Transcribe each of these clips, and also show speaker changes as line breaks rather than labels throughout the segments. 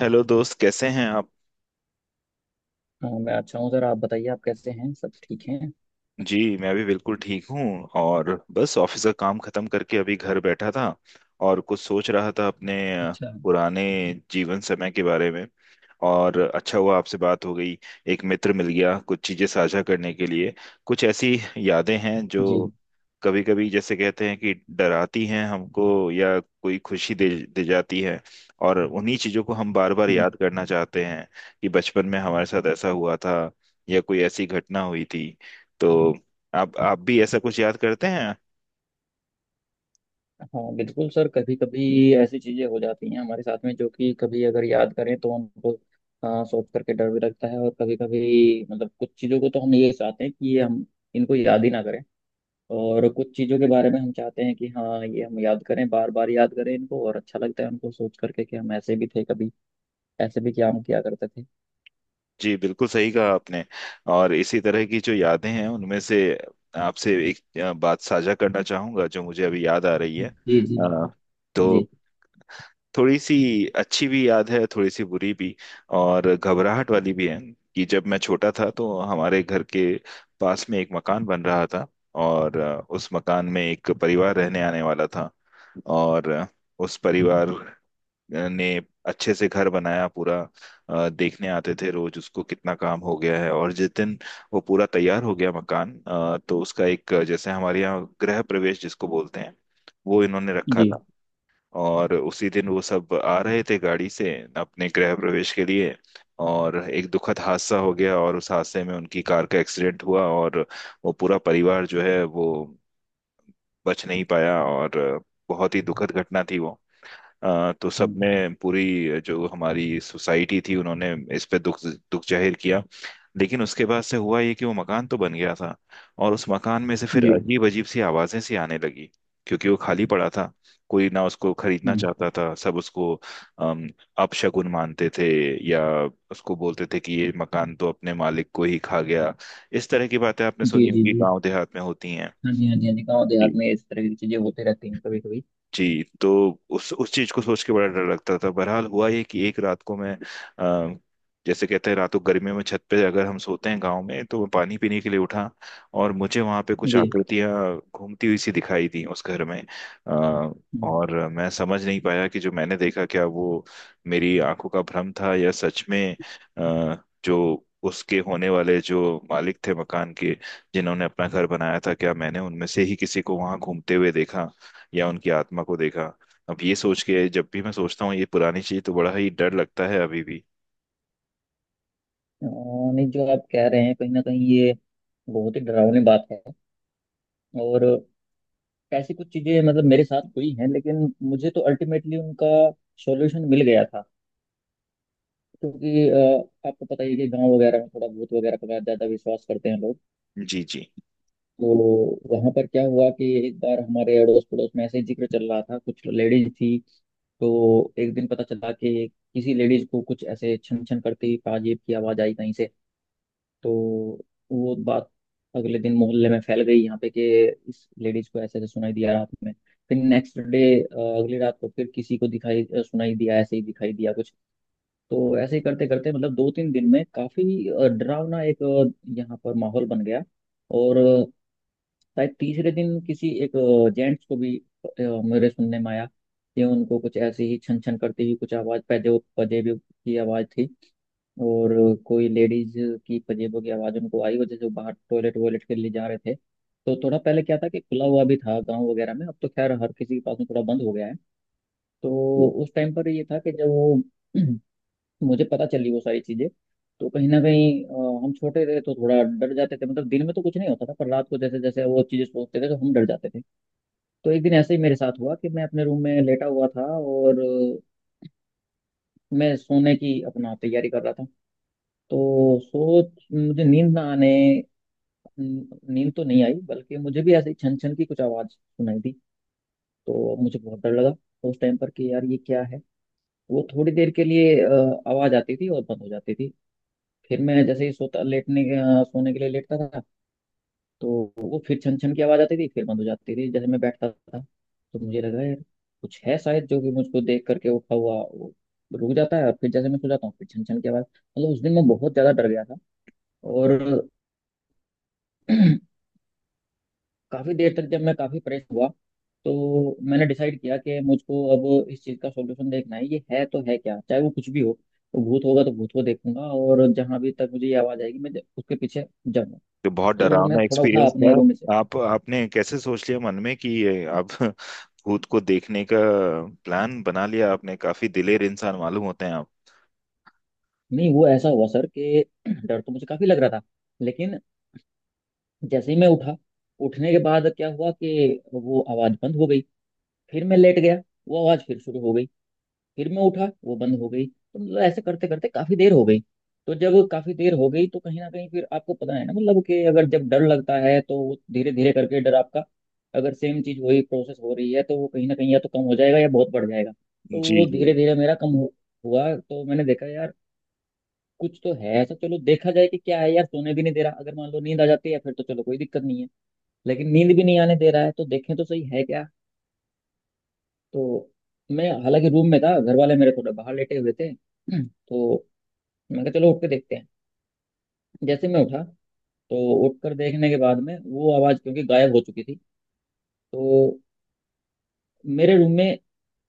Hello दोस्त, कैसे हैं आप।
हाँ, मैं अच्छा हूँ सर। आप बताइए, आप कैसे हैं, सब ठीक हैं?
जी मैं भी बिल्कुल ठीक हूँ। और बस ऑफिस का काम खत्म करके अभी घर बैठा था और कुछ सोच रहा था अपने
अच्छा।
पुराने जीवन समय के बारे में। और अच्छा हुआ आपसे बात हो गई, एक मित्र मिल गया कुछ चीजें साझा करने के लिए। कुछ ऐसी यादें हैं
जी।
जो कभी कभी, जैसे कहते हैं, कि डराती हैं हमको या कोई खुशी दे दे जाती है। और उन्हीं चीजों को हम बार बार
हम्म।
याद करना चाहते हैं कि बचपन में हमारे साथ ऐसा हुआ था या कोई ऐसी घटना हुई थी। तो आप भी ऐसा कुछ याद करते हैं।
हाँ बिल्कुल सर, कभी कभी ऐसी चीज़ें हो जाती हैं हमारे साथ में, जो कि कभी अगर याद करें तो हमको सोच करके डर भी लगता है। और कभी कभी मतलब कुछ चीज़ों को तो हम ये चाहते हैं कि ये हम इनको याद ही ना करें। और कुछ चीज़ों के बारे में हम चाहते हैं कि हाँ, ये हम याद करें, बार बार याद करें इनको, और अच्छा लगता है उनको सोच करके कि हम ऐसे भी थे कभी, ऐसे भी क्या हम किया करते थे।
जी बिल्कुल सही कहा आपने। और इसी तरह की जो यादें हैं उनमें से आपसे एक बात साझा करना चाहूंगा जो मुझे अभी याद आ रही है।
जी जी बिल्कुल।
तो
जी
थोड़ी सी अच्छी भी याद है, थोड़ी सी बुरी भी, और घबराहट वाली भी है। कि जब मैं छोटा था तो हमारे घर के पास में एक मकान बन रहा था। और उस मकान में एक परिवार रहने आने वाला था। और उस परिवार ने अच्छे से घर बनाया पूरा। देखने आते थे रोज उसको कितना काम हो गया है। और जिस दिन वो पूरा तैयार हो गया मकान, तो उसका एक, जैसे हमारे यहाँ गृह प्रवेश जिसको बोलते हैं, वो इन्होंने रखा
जी।
था। और उसी दिन वो सब आ रहे थे गाड़ी से अपने गृह प्रवेश के लिए। और एक दुखद हादसा हो गया और उस हादसे में उनकी कार का एक्सीडेंट हुआ और वो पूरा परिवार जो है वो बच नहीं पाया। और बहुत ही दुखद घटना थी वो। तो
हम्म।
सबने, पूरी जो हमारी सोसाइटी थी, उन्होंने इस पे दुख दुख जाहिर किया। लेकिन उसके बाद से हुआ ये कि वो मकान तो बन गया था और उस मकान में से फिर
जी।
अजीब अजीब सी आवाजें सी आने लगी। क्योंकि वो खाली पड़ा था, कोई ना उसको खरीदना
हम्म।
चाहता था, सब उसको अम, अपशगुन मानते थे। या उसको बोलते थे कि ये मकान तो अपने मालिक को ही खा गया। इस तरह की बातें आपने
जी
सुनी
जी
होगी,
जी।
गांव देहात में होती हैं।
हाँ जी, हाँ जी, हाँ जी, गाँव देहात में इस तरह की चीजें होते रहती हैं कभी कभी।
जी। तो उस चीज को सोच के बड़ा डर लगता था। बहरहाल हुआ ये कि एक रात को मैं, अ, जैसे कहते हैं रातों गर्मियों में छत पे अगर हम सोते हैं गांव में, तो मैं पानी पीने के लिए उठा। और मुझे वहां पे कुछ
जी।
आकृतियां घूमती हुई सी दिखाई दी उस घर में। अ,
हम्म।
और मैं समझ नहीं पाया कि जो मैंने देखा क्या वो मेरी आंखों का भ्रम था या सच में, अ, जो उसके होने वाले जो मालिक थे मकान के, जिन्होंने अपना घर बनाया था, क्या मैंने उनमें से ही किसी को वहां घूमते हुए देखा या उनकी आत्मा को देखा। अब ये सोच के, जब भी मैं सोचता हूँ ये पुरानी चीज, तो बड़ा ही डर लगता है अभी भी।
अ, नहीं, जो आप कह रहे हैं कहीं ना कहीं ये बहुत ही डरावनी बात है। और ऐसी कुछ चीजें मतलब मेरे साथ हुई हैं, लेकिन मुझे तो अल्टीमेटली उनका सॉल्यूशन मिल गया था। क्योंकि आपको पता ही है कि गांव वगैरह में थोड़ा भूत वगैरह का ज्यादा विश्वास करते हैं लोग।
जी जी
तो वहां पर क्या हुआ कि एक बार हमारे अड़ोस पड़ोस में ऐसे ही जिक्र चल रहा था, कुछ लेडीज थी। तो एक दिन पता चला कि किसी लेडीज को कुछ ऐसे छन छन करती ताजीब की आवाज आई कहीं से। तो वो बात अगले दिन मोहल्ले में फैल गई यहाँ पे, कि इस लेडीज को ऐसे ऐसे सुनाई दिया रात में। फिर नेक्स्ट डे अगली रात को फिर किसी को दिखाई, सुनाई दिया, ऐसे ही दिखाई दिया कुछ। तो ऐसे ही करते करते मतलब दो तीन दिन में काफी डरावना एक यहाँ पर माहौल बन गया। और शायद तीसरे दिन किसी एक जेंट्स को भी अ, मेरे सुनने में आया कि उनको कुछ ऐसी ही छन छन करती हुई कुछ आवाज, पजे पजेबों की आवाज थी। और कोई लेडीज की पजेबों की आवाज उनको आई, वजह से वो बाहर टॉयलेट वॉयलेट के लिए जा रहे थे। तो थोड़ा पहले क्या था कि खुला हुआ भी था गांव वगैरह में, अब तो खैर हर किसी के पास में थोड़ा बंद हो गया है।
जी।
तो उस टाइम पर ये था कि जब वो मुझे पता चली वो सारी चीजें, तो कहीं ना कहीं हम छोटे थे तो थोड़ा डर जाते थे मतलब। दिन में तो कुछ नहीं होता था, पर रात को जैसे जैसे वो चीजें सोचते थे तो हम डर जाते थे। तो एक दिन ऐसे ही मेरे साथ हुआ कि मैं अपने रूम में लेटा हुआ था, और मैं सोने की अपना तैयारी कर रहा था। तो सोच मुझे नींद ना आने, नींद तो नहीं आई, बल्कि मुझे भी ऐसे ही छन छन की कुछ आवाज़ सुनाई दी। तो मुझे बहुत डर लगा उस टाइम पर, कि यार ये क्या है। वो थोड़ी देर के लिए आवाज़ आती थी और बंद हो जाती थी। फिर मैं जैसे ही सोता, लेटने सोने के लिए लेटता था, तो वो फिर छन छन की आवाज आती थी, फिर बंद हो जाती थी। जैसे मैं बैठता था तो मुझे लगा यार, कुछ है शायद जो कि मुझको देख करके उठा हुआ वो रुक जाता है, और फिर जैसे मैं सो जाता हूँ फिर छन छन की आवाज। मतलब उस दिन मैं बहुत ज्यादा डर गया था। और काफी देर तक जब मैं काफी परेशान हुआ, तो मैंने डिसाइड किया कि मुझको अब इस चीज का सॉल्यूशन देखना है, ये है तो है क्या, चाहे वो कुछ भी हो। तो भूत होगा तो भूत को देखूंगा, और जहां भी तक मुझे ये आवाज आएगी मैं उसके पीछे जाऊंगा।
तो बहुत
तो मैं
डरावना
थोड़ा उठा
एक्सपीरियंस
अपने रूम में से।
था। आप आपने कैसे सोच लिया मन में कि ये आप भूत को देखने का प्लान बना लिया आपने। काफी दिलेर इंसान मालूम होते हैं आप।
नहीं, वो ऐसा हुआ सर कि डर तो मुझे काफी लग रहा था, लेकिन जैसे ही मैं उठा, उठने के बाद क्या हुआ कि वो आवाज बंद हो गई। फिर मैं लेट गया, वो आवाज फिर शुरू हो गई। फिर मैं उठा, वो बंद हो गई। तो मतलब ऐसे करते करते काफी देर हो गई। तो जब काफी देर हो गई तो कहीं ना कहीं फिर आपको पता है ना, मतलब कि अगर जब डर लगता है तो धीरे धीरे करके डर आपका, अगर सेम चीज वही प्रोसेस हो रही है तो वो कहीं ना कहीं या तो कम हो जाएगा या बहुत बढ़ जाएगा। तो
जी
वो धीरे
जी
धीरे मेरा कम हुआ। तो मैंने देखा यार, कुछ तो है ऐसा, चलो देखा जाए कि क्या है यार। सोने भी नहीं दे रहा, अगर मान लो नींद आ जाती है फिर तो चलो कोई दिक्कत नहीं है, लेकिन नींद भी नहीं आने दे रहा है तो देखें तो सही, है क्या। तो मैं हालांकि रूम में था, घर वाले मेरे थोड़ा बाहर लेटे हुए थे। तो मैं कहा चलो उठ के देखते हैं। जैसे मैं उठा, तो उठकर देखने के बाद में वो आवाज़ क्योंकि गायब हो चुकी थी। तो मेरे रूम में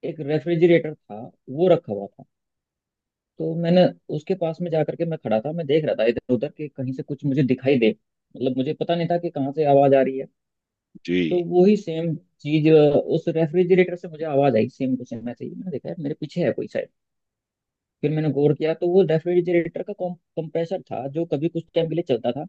एक रेफ्रिजरेटर था, वो रखा हुआ था। तो मैंने उसके पास में जाकर के मैं खड़ा था, मैं देख रहा था इधर उधर कि कहीं से कुछ मुझे दिखाई दे। मतलब मुझे पता नहीं था कि कहाँ से आवाज़ आ रही है।
जी।
तो वही सेम चीज उस रेफ्रिजरेटर से मुझे आवाज आई सेम टू सेम। ऐसे ही मैंने देखा, यार मेरे पीछे है कोई शायद। फिर मैंने गौर किया तो वो रेफ्रिजरेटर का कंप्रेसर था, जो कभी कुछ टाइम के लिए चलता था,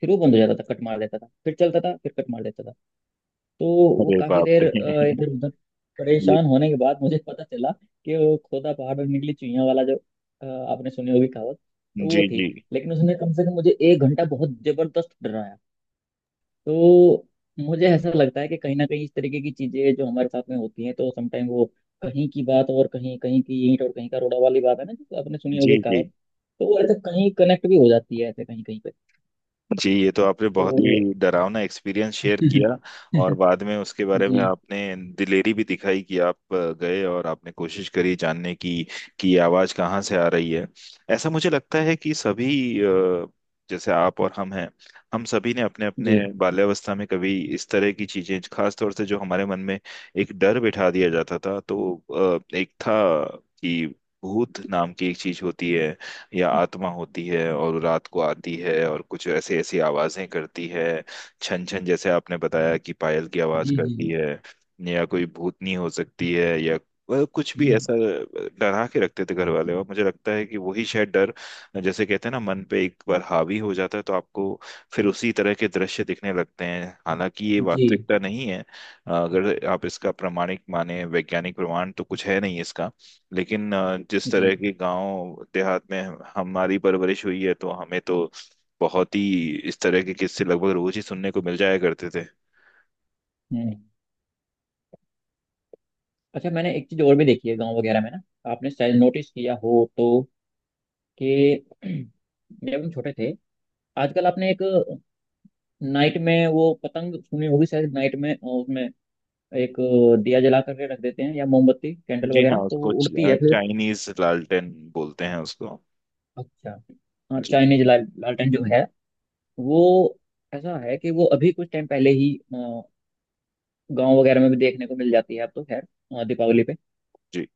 फिर वो बंद हो जाता था, कट मार देता था, फिर चलता था, फिर कट मार देता था। तो वो
अरे
काफी
बाप
देर
रे।
इधर उधर
ये
परेशान होने के बाद मुझे पता चला कि वो खोदा पहाड़ में निकली चुहिया वाला जो, आपने सुनी होगी कहावत, तो वो
जी
थी।
जी
लेकिन उसने कम से कम मुझे एक घंटा बहुत जबरदस्त डराया। तो मुझे ऐसा लगता है कि कहीं ना कहीं इस तरीके की चीजें जो हमारे साथ में होती हैं तो समटाइम वो कहीं की बात और कहीं कहीं की ईंट और कहीं का रोड़ा वाली बात है ना, जो आपने सुनी
जी
होगी
जी
कहावत। तो वो ऐसे कहीं कनेक्ट भी हो जाती है ऐसे कहीं कहीं पे।
जी, ये तो आपने बहुत
तो
ही डरावना एक्सपीरियंस शेयर किया। और बाद में उसके बारे में
जी।
आपने दिलेरी भी दिखाई कि आप गए और आपने कोशिश करी जानने की कि ये आवाज़ कहाँ से आ रही है। ऐसा मुझे लगता है कि सभी, जैसे आप और हम हैं, हम सभी ने अपने अपने
जी
बाल्यावस्था में कभी इस तरह की चीजें, खास तौर से जो हमारे मन में एक डर बिठा दिया जाता था, तो एक था कि भूत नाम की एक चीज होती है या आत्मा होती है और रात को आती है और कुछ ऐसे ऐसी आवाजें करती है। छन छन, जैसे आपने बताया कि पायल की आवाज
जी जी।
करती है, या कोई भूतनी हो सकती है, या वह कुछ भी
हम्म,
ऐसा डरा के रखते थे घर वाले। और मुझे लगता है कि वही शायद डर, जैसे कहते हैं ना, मन पे एक बार हावी हो जाता है तो आपको फिर उसी तरह के दृश्य दिखने लगते हैं। हालांकि ये वास्तविकता
जी।
नहीं है। अगर आप इसका प्रमाणिक माने, वैज्ञानिक प्रमाण तो कुछ है नहीं इसका। लेकिन जिस
जी।
तरह के गांव देहात में हमारी परवरिश हुई है तो हमें तो बहुत ही इस तरह के किस्से लगभग रोज ही सुनने को मिल जाया करते थे।
हम्म। अच्छा, मैंने एक चीज और भी देखी है गांव वगैरह में ना, आपने शायद नोटिस किया हो, तो कि जब हम छोटे थे, आजकल आपने एक नाइट में वो पतंग सुनी होगी शायद, नाइट में उसमें एक दिया जला करके रख देते हैं, या मोमबत्ती कैंडल
जी हाँ,
वगैरह, तो वो
उसको
उड़ती है फिर।
चाइनीज लालटेन बोलते हैं उसको।
अच्छा। हाँ,
जी
चाइनीज लालटेन जो है वो, ऐसा है कि वो अभी कुछ टाइम पहले ही गांव वगैरह में भी देखने को मिल जाती है, अब तो खैर दीपावली पे।
जी।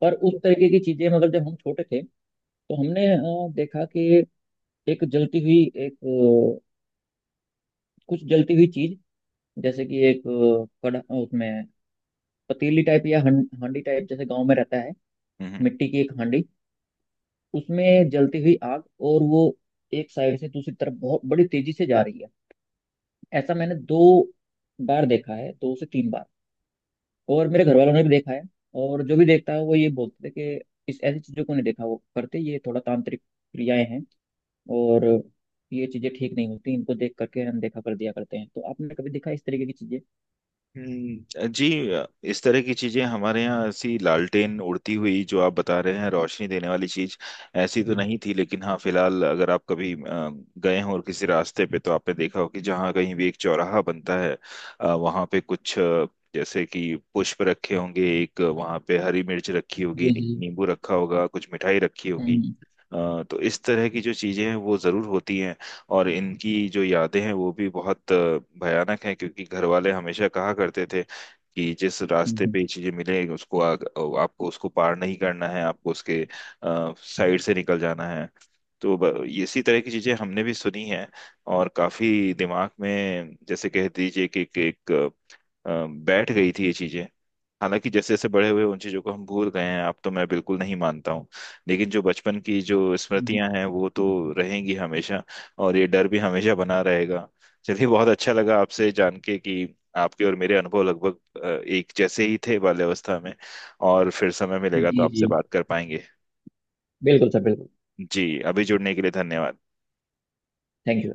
पर उस तरीके की चीजें मतलब जब हम छोटे थे, तो हमने देखा कि एक जलती हुई एक कुछ जलती हुई चीज, जैसे कि एक कड़ा, उसमें पतीली टाइप या हांडी टाइप, जैसे गांव में रहता है
हम्म हम्म।
मिट्टी की एक हांडी, उसमें जलती हुई आग, और वो एक साइड से दूसरी तरफ बहुत बड़ी तेजी से जा रही है। ऐसा मैंने दो बार देखा है, दो से तीन बार। और मेरे घर वालों ने भी देखा है, और जो भी देखता है वो ये बोलते थे कि इस ऐसी चीजों को नहीं देखा, वो करते ये थोड़ा तांत्रिक क्रियाएं हैं। और ये चीजें ठीक नहीं होती, इनको देख करके अनदेखा कर दिया करते हैं। तो आपने कभी देखा इस तरीके की चीजें?
जी। इस तरह की चीजें हमारे यहाँ, ऐसी लालटेन उड़ती हुई जो आप बता रहे हैं रोशनी देने वाली चीज, ऐसी तो
जी
नहीं थी। लेकिन हाँ, फिलहाल अगर आप कभी गए हो और किसी रास्ते पे, तो आपने देखा हो कि जहाँ कहीं भी एक चौराहा बनता है, वहाँ पे कुछ, जैसे कि पुष्प रखे होंगे, एक वहाँ पे हरी मिर्च रखी होगी,
जी। जी।
नींबू रखा होगा, कुछ मिठाई रखी होगी।
हम्म
तो इस तरह की जो चीजें हैं वो जरूर होती हैं। और इनकी जो यादें हैं वो भी बहुत भयानक हैं। क्योंकि घर वाले हमेशा कहा करते थे कि जिस
हम्म।
रास्ते पे ये चीजें मिले उसको आपको उसको पार नहीं करना है, आपको उसके साइड से निकल जाना है। तो इसी तरह की चीजें हमने भी सुनी हैं। और काफी दिमाग में, जैसे कह दीजिए कि एक बैठ गई थी ये चीजें। हालांकि जैसे जैसे बड़े हुए उन चीजों को हम भूल गए हैं, अब तो मैं बिल्कुल नहीं मानता हूँ। लेकिन जो बचपन की जो
हम्म।
स्मृतियां हैं वो तो रहेंगी हमेशा, और ये डर भी हमेशा बना रहेगा। चलिए, बहुत अच्छा लगा आपसे जान के कि आपके और मेरे अनुभव लगभग एक जैसे ही थे बाल्यावस्था में। और फिर समय मिलेगा तो
जी
आपसे
जी
बात कर पाएंगे।
बिल्कुल सर, बिल्कुल।
जी, अभी जुड़ने के लिए धन्यवाद।
Thank you.